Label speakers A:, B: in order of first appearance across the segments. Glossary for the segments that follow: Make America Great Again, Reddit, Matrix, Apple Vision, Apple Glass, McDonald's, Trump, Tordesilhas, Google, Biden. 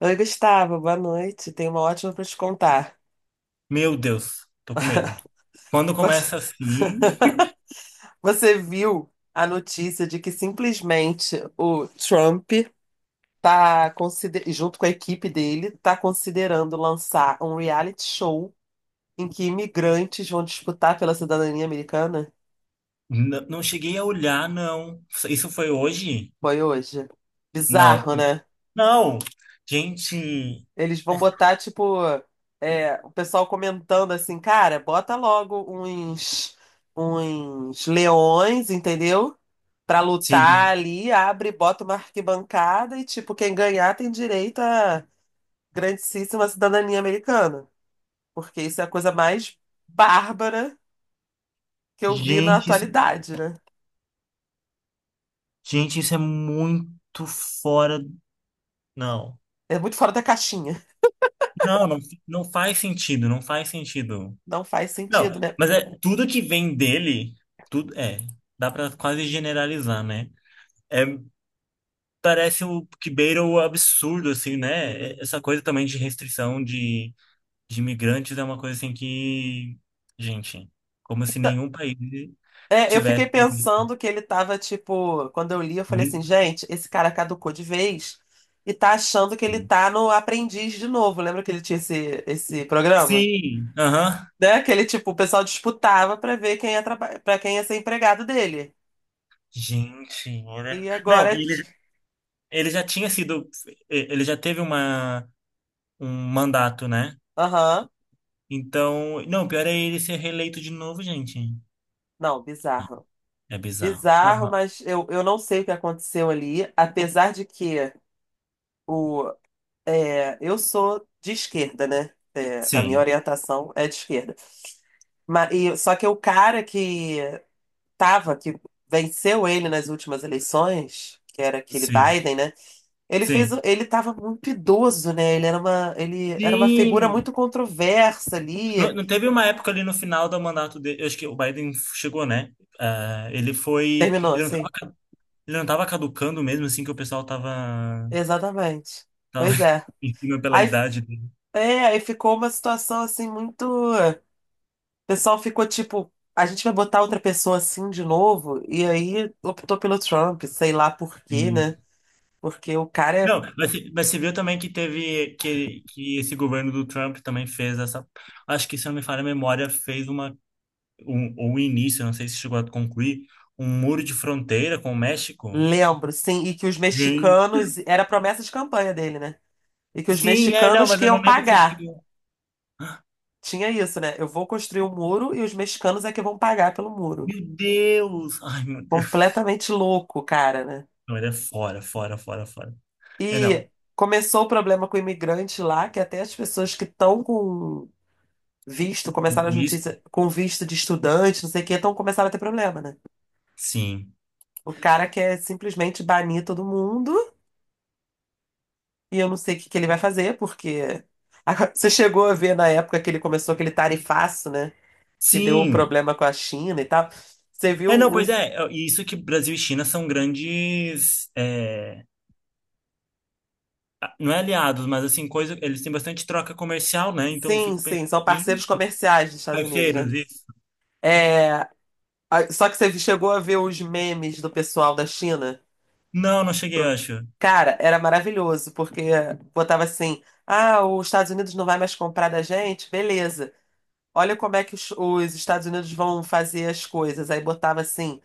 A: Oi, Gustavo, boa noite. Tenho uma ótima para te contar.
B: Meu Deus, tô com medo. Quando
A: Você
B: começa assim,
A: você viu a notícia de que simplesmente o Trump junto com a equipe dele, tá considerando lançar um reality show em que imigrantes vão disputar pela cidadania americana?
B: não cheguei a olhar, não. Isso foi hoje?
A: Foi hoje.
B: Não.
A: Bizarro, né?
B: Não! Gente,
A: Eles vão botar, tipo, o pessoal comentando assim, cara, bota logo uns leões, entendeu? Pra lutar
B: sim.
A: ali, abre, bota uma arquibancada e, tipo, quem ganhar tem direito à grandíssima cidadania americana. Porque isso é a coisa mais bárbara que eu vi na
B: Gente, isso-
A: atualidade, né?
B: gente, isso é muito fora. Não.
A: É muito fora da caixinha.
B: Não, não, não faz sentido, não faz sentido.
A: Não faz sentido,
B: Não,
A: né?
B: mas é tudo que vem dele, tudo é, dá pra quase generalizar, né? É, parece o que beira o absurdo, assim, né? É, essa coisa também de restrição de imigrantes é uma coisa assim que, gente, como se
A: Então,
B: nenhum país
A: eu fiquei
B: tivesse.
A: pensando que ele tava, tipo, quando eu li, eu falei assim, gente, esse cara caducou de vez e tá achando que ele tá no Aprendiz de novo. Lembra que ele tinha esse programa?
B: Sim, aham.
A: Né? Aquele tipo, o pessoal disputava pra ver quem ia pra quem ia ser empregado dele.
B: Gente, olha.
A: E
B: Não,
A: agora é.
B: e ele já tinha sido. Ele já teve um mandato, né?
A: Aham.
B: Então. Não, o pior é ele ser reeleito de novo, gente.
A: Não, bizarro.
B: É bizarro. Não,
A: Bizarro,
B: não.
A: mas eu não sei o que aconteceu ali, apesar de que o, eu sou de esquerda, né? É, a minha
B: Sim,
A: orientação é de esquerda. Só que o cara que que venceu ele nas últimas eleições, que era aquele
B: sim,
A: Biden, né? Ele fez,
B: sim.
A: ele estava muito idoso, né? Ele era ele era uma figura
B: Sim!
A: muito controversa
B: Não,
A: ali.
B: não teve uma época ali no final do mandato dele. Eu acho que o Biden chegou, né? Ah, ele foi.
A: Terminou,
B: Ele não
A: sim.
B: estava. Ele não tava caducando mesmo, assim, que
A: Exatamente.
B: tava
A: Pois é.
B: em cima pela
A: Aí,
B: idade dele.
A: aí ficou uma situação assim muito. O pessoal ficou tipo, a gente vai botar outra pessoa assim de novo. E aí optou pelo Trump, sei lá por quê,
B: Sim.
A: né? Porque o cara é.
B: Não, mas você viu também que que esse governo do Trump também fez essa, acho que se eu não me falha a memória, fez uma, um, ou um início, eu não sei se chegou a concluir, um muro de fronteira com o México.
A: Lembro, sim, e que os
B: Sim,
A: mexicanos. Era promessa de campanha dele, né? E que os
B: sim, é, não,
A: mexicanos
B: mas
A: que
B: eu não
A: iam
B: lembro se
A: pagar.
B: chegou.
A: Tinha isso, né? Eu vou construir um muro e os mexicanos é que vão pagar pelo muro.
B: Meu Deus! Ai, meu Deus.
A: Completamente louco, cara, né?
B: Não, ele é fora, fora, fora, fora. É,
A: E
B: não.
A: começou o problema com o imigrante lá, que até as pessoas que estão com visto, começaram as
B: Isso?
A: notícias com visto de estudante, não sei o que, estão começaram a ter problema, né?
B: Sim.
A: O cara quer simplesmente banir todo mundo e eu não sei o que que ele vai fazer, porque Agora, você chegou a ver na época que ele começou aquele tarifaço, né? Que deu o
B: Sim,
A: problema com a China e tal. Você viu
B: é, não, pois é, e isso que Brasil e China são grandes, é, não é aliados, mas assim, coisa, eles têm bastante troca comercial, né? Então eu
A: sim,
B: fico pensando,
A: sim, são
B: gente,
A: parceiros comerciais dos Estados Unidos, né?
B: parceiros, isso.
A: É, só que você chegou a ver os memes do pessoal da China?
B: Não, não cheguei, eu
A: Pro-
B: acho.
A: Cara, era maravilhoso, porque botava assim: ah, os Estados Unidos não vai mais comprar da gente? Beleza. Olha como é que os Estados Unidos vão fazer as coisas. Aí botava assim,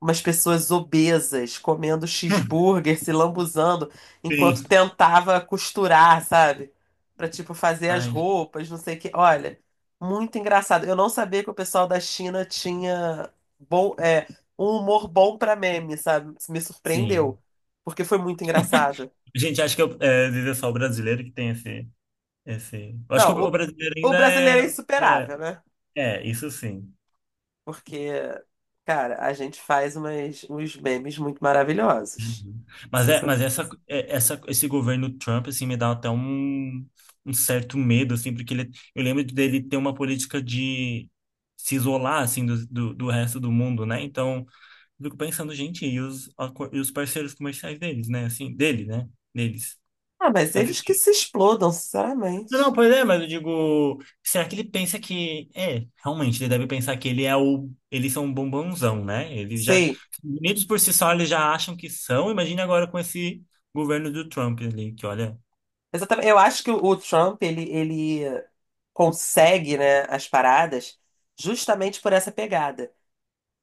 A: umas pessoas obesas comendo cheeseburger, se lambuzando, enquanto
B: Sim.
A: tentava costurar, sabe? Pra, tipo, fazer as
B: Ai,
A: roupas, não sei o quê. Olha, muito engraçado. Eu não sabia que o pessoal da China tinha bom, é, um humor bom pra meme, sabe? Isso me
B: sim.
A: surpreendeu, porque foi muito engraçado.
B: Gente, acho que eu, é, às vezes é só o brasileiro que tem esse... eu acho que
A: Não,
B: o brasileiro
A: o
B: ainda é,
A: brasileiro é insuperável, né?
B: é, é, isso sim.
A: Porque, cara, a gente faz uns memes muito maravilhosos.
B: Uhum. Mas esse governo Trump, assim, me dá até um certo medo, assim, porque ele, eu lembro dele ter uma política de se isolar, assim, do resto do mundo, né? Então, eu fico pensando, gente, e os parceiros comerciais deles, né? Assim, dele, né? Deles.
A: Ah, mas eles que se explodam,
B: Não, não,
A: sinceramente.
B: pois é, mas eu digo, será que ele pensa que, é, realmente, ele deve pensar que eles são um bombonzão, né? Eles já,
A: Sei.
B: bonitos por si só, eles já acham que são, imagina agora com esse governo do Trump ali, que olha,
A: Exatamente. Eu acho que o Trump, ele consegue, né, as paradas justamente por essa pegada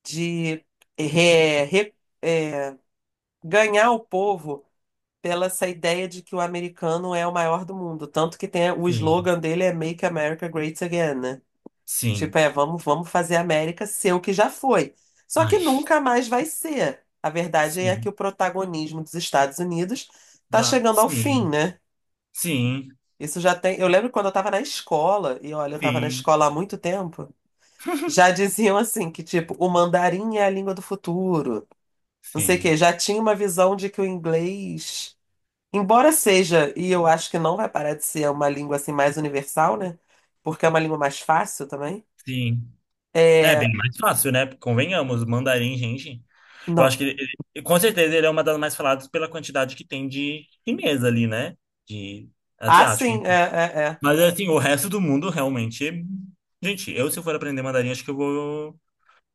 A: de re- re- é, ganhar o povo pela essa ideia de que o americano é o maior do mundo. Tanto que tem o
B: sim,
A: slogan dele é Make America Great Again, né? Tipo,
B: sim,
A: é, vamos fazer a América ser o que já foi. Só
B: ai,
A: que nunca mais vai ser. A verdade é
B: sim,
A: que o protagonismo dos Estados Unidos está
B: já,
A: chegando ao fim,
B: sim,
A: né?
B: sim,
A: Isso já tem. Eu lembro quando eu estava na escola, e olha, eu estava na
B: sim,
A: escola há muito tempo, já diziam assim que, tipo, o mandarim é a língua do futuro. Não sei o quê.
B: sim,
A: Já tinha uma visão de que o inglês, embora seja, e eu acho que não vai parar de ser uma língua assim mais universal, né? Porque é uma língua mais fácil também.
B: sim. É
A: É,
B: bem mais fácil, né? Convenhamos, mandarim, gente. Eu acho
A: não.
B: que com certeza ele é uma das mais faladas pela quantidade que tem de chinês ali, né? De
A: Ah,
B: asiático,
A: sim, é,
B: enfim.
A: é, é.
B: Mas assim, o resto do mundo realmente. Gente, eu se for aprender mandarim, acho que eu vou,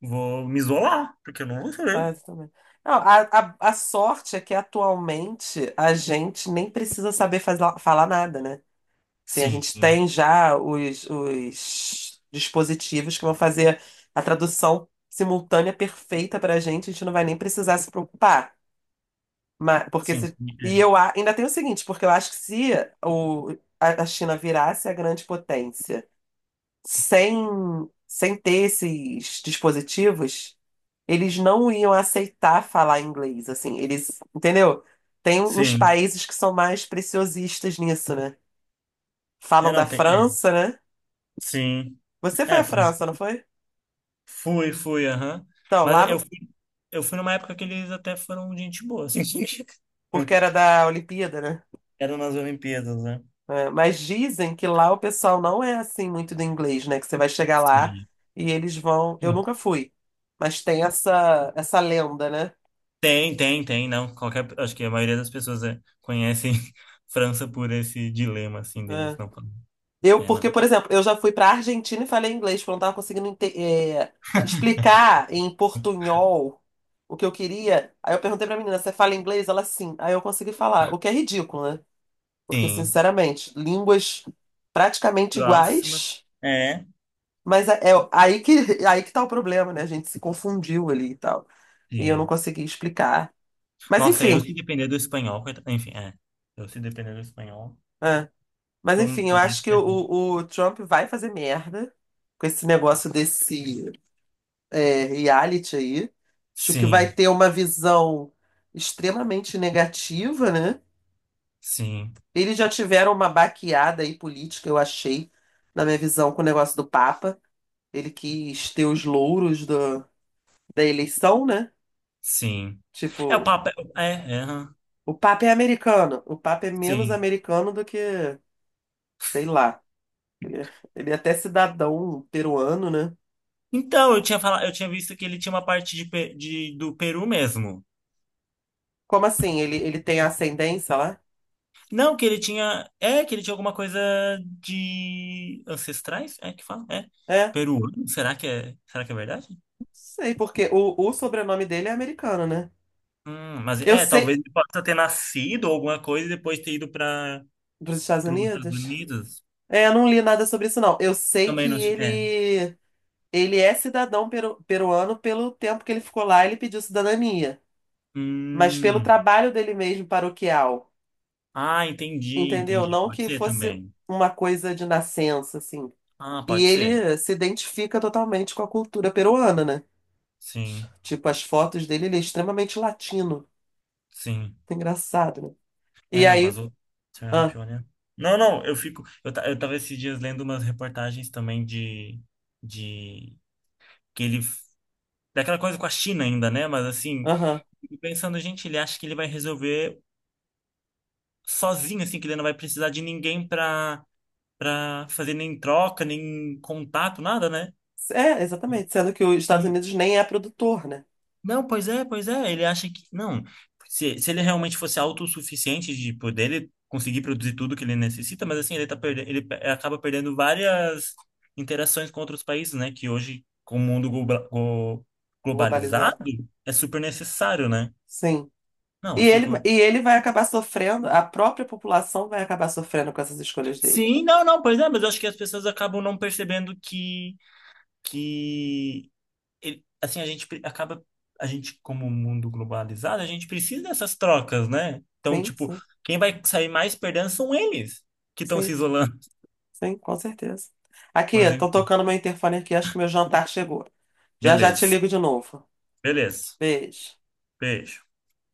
B: vou me isolar, porque eu não vou saber.
A: Ah, isso também. Não, a sorte é que atualmente a gente nem precisa saber falar nada, né? Sim, a
B: Sim,
A: gente tem já os dispositivos que vão fazer a tradução simultânea perfeita pra gente, a gente não vai nem precisar se preocupar. Mas, porque
B: sim,
A: se,
B: é,
A: ainda tem o seguinte, porque eu acho que se o, a China virasse a grande potência sem, sem ter esses dispositivos eles não iam aceitar falar inglês, assim, eles, entendeu? Tem uns
B: sim.
A: países que são mais preciosistas nisso, né?
B: É,
A: Falam da
B: não, tem. É,
A: França, né?
B: sim.
A: Você foi à
B: É, fui,
A: França, não foi?
B: fui, fui, aham.
A: Então, lá
B: Mas eu
A: no-
B: fui, eu fui numa época que eles até foram gente boa, assim.
A: porque era da Olimpíada, né?
B: Eram nas Olimpíadas, né?
A: É, mas dizem que lá o pessoal não é assim muito do inglês, né? Que você vai chegar lá
B: Sim.
A: e eles vão. Eu nunca fui, mas tem essa lenda, né?
B: Tem, tem, tem, não. Qualquer, acho que a maioria das pessoas é, conhecem França por esse dilema, assim, deles
A: É.
B: não falam.
A: Eu,
B: É,
A: porque,
B: não.
A: por exemplo, eu já fui para Argentina e falei inglês, porque eu não estava conseguindo explicar em portunhol o que eu queria. Aí eu perguntei pra menina, você fala inglês? Ela, sim. Aí eu consegui falar, o que é ridículo, né? Porque,
B: Sim.
A: sinceramente, línguas praticamente
B: Próxima.
A: iguais,
B: É.
A: mas é aí que, aí que tá o problema, né? A gente se confundiu ali e tal. E eu não
B: Sim.
A: consegui explicar. Mas,
B: Nossa, eu
A: enfim.
B: se depender do espanhol, coitado. Enfim, é. Eu se depender do espanhol,
A: É. Mas,
B: tô,
A: enfim, eu
B: tô mais
A: acho que
B: ferrado.
A: o Trump vai fazer merda com esse negócio desse. É, reality aí. Acho que vai
B: Sim,
A: ter uma visão extremamente negativa, né?
B: sim,
A: Eles já tiveram uma baqueada aí política, eu achei, na minha visão, com o negócio do Papa. Ele quis ter os louros da eleição, né?
B: sim. É o
A: Tipo,
B: papel. É, é, é, aham.
A: o Papa é americano. O Papa é menos
B: Sim.
A: americano do que, sei lá. Ele é, ele é até cidadão peruano, né?
B: Então, eu tinha visto que ele tinha uma parte de, do Peru mesmo.
A: Como assim? Ele tem ascendência lá?
B: Não, que ele tinha. É, que ele tinha alguma coisa de ancestrais? É que fala? É.
A: É,
B: Peruano? Será que é verdade?
A: sei, porque o sobrenome dele é americano, né?
B: Mas
A: Eu
B: é, talvez
A: sei,
B: ele possa ter nascido ou alguma coisa e depois ter ido para
A: dos Estados
B: os Estados
A: Unidos?
B: Unidos.
A: É, eu não li nada sobre isso, não. Eu sei
B: Também
A: que
B: não. É.
A: ele é cidadão peruano pelo tempo que ele ficou lá, ele pediu cidadania. Mas pelo
B: Hum.
A: trabalho dele mesmo paroquial,
B: Ah, entendi,
A: entendeu?
B: entendi.
A: Não
B: Pode
A: que
B: ser
A: fosse
B: também.
A: uma coisa de nascença, assim.
B: Ah,
A: E
B: pode ser.
A: ele se identifica totalmente com a cultura peruana, né?
B: Sim,
A: Tipo, as fotos dele, ele é extremamente latino.
B: sim.
A: Engraçado, né?
B: É,
A: E
B: não,
A: aí.
B: mas o Trump,
A: Ah,
B: olha. Não, não, eu fico. Eu tava esses dias lendo umas reportagens também de que ele daquela coisa com a China ainda, né? Mas assim,
A: aham.
B: fico pensando, gente, ele acha que ele vai resolver sozinho, assim, que ele não vai precisar de ninguém pra fazer nem troca, nem contato, nada, né?
A: É, exatamente. Sendo que os Estados
B: Não,
A: Unidos nem é produtor, né?
B: não, pois é, pois é. Ele acha que. Não. Se ele realmente fosse autossuficiente de poder, ele conseguir produzir tudo que ele necessita, mas assim, ele tá perdendo, ele pe- acaba perdendo várias interações com outros países, né? Que hoje, com o mundo globalizado,
A: Globalizado.
B: é super necessário, né?
A: Sim.
B: Não, eu fico.
A: E ele vai acabar sofrendo, a própria população vai acabar sofrendo com essas escolhas dele.
B: Sim, não, não, pois é, mas eu acho que as pessoas acabam não percebendo que assim, acaba, a gente, como um mundo globalizado, a gente precisa dessas trocas, né? Então,
A: Sim,
B: tipo,
A: sim,
B: quem vai sair mais perdendo são eles que estão se
A: sim,
B: isolando.
A: sim, com certeza. Aqui,
B: Mas,
A: estão
B: enfim,
A: tocando meu interfone aqui, acho que meu jantar chegou. Já já te
B: beleza,
A: ligo de novo.
B: beleza.
A: Beijo.
B: Beijo.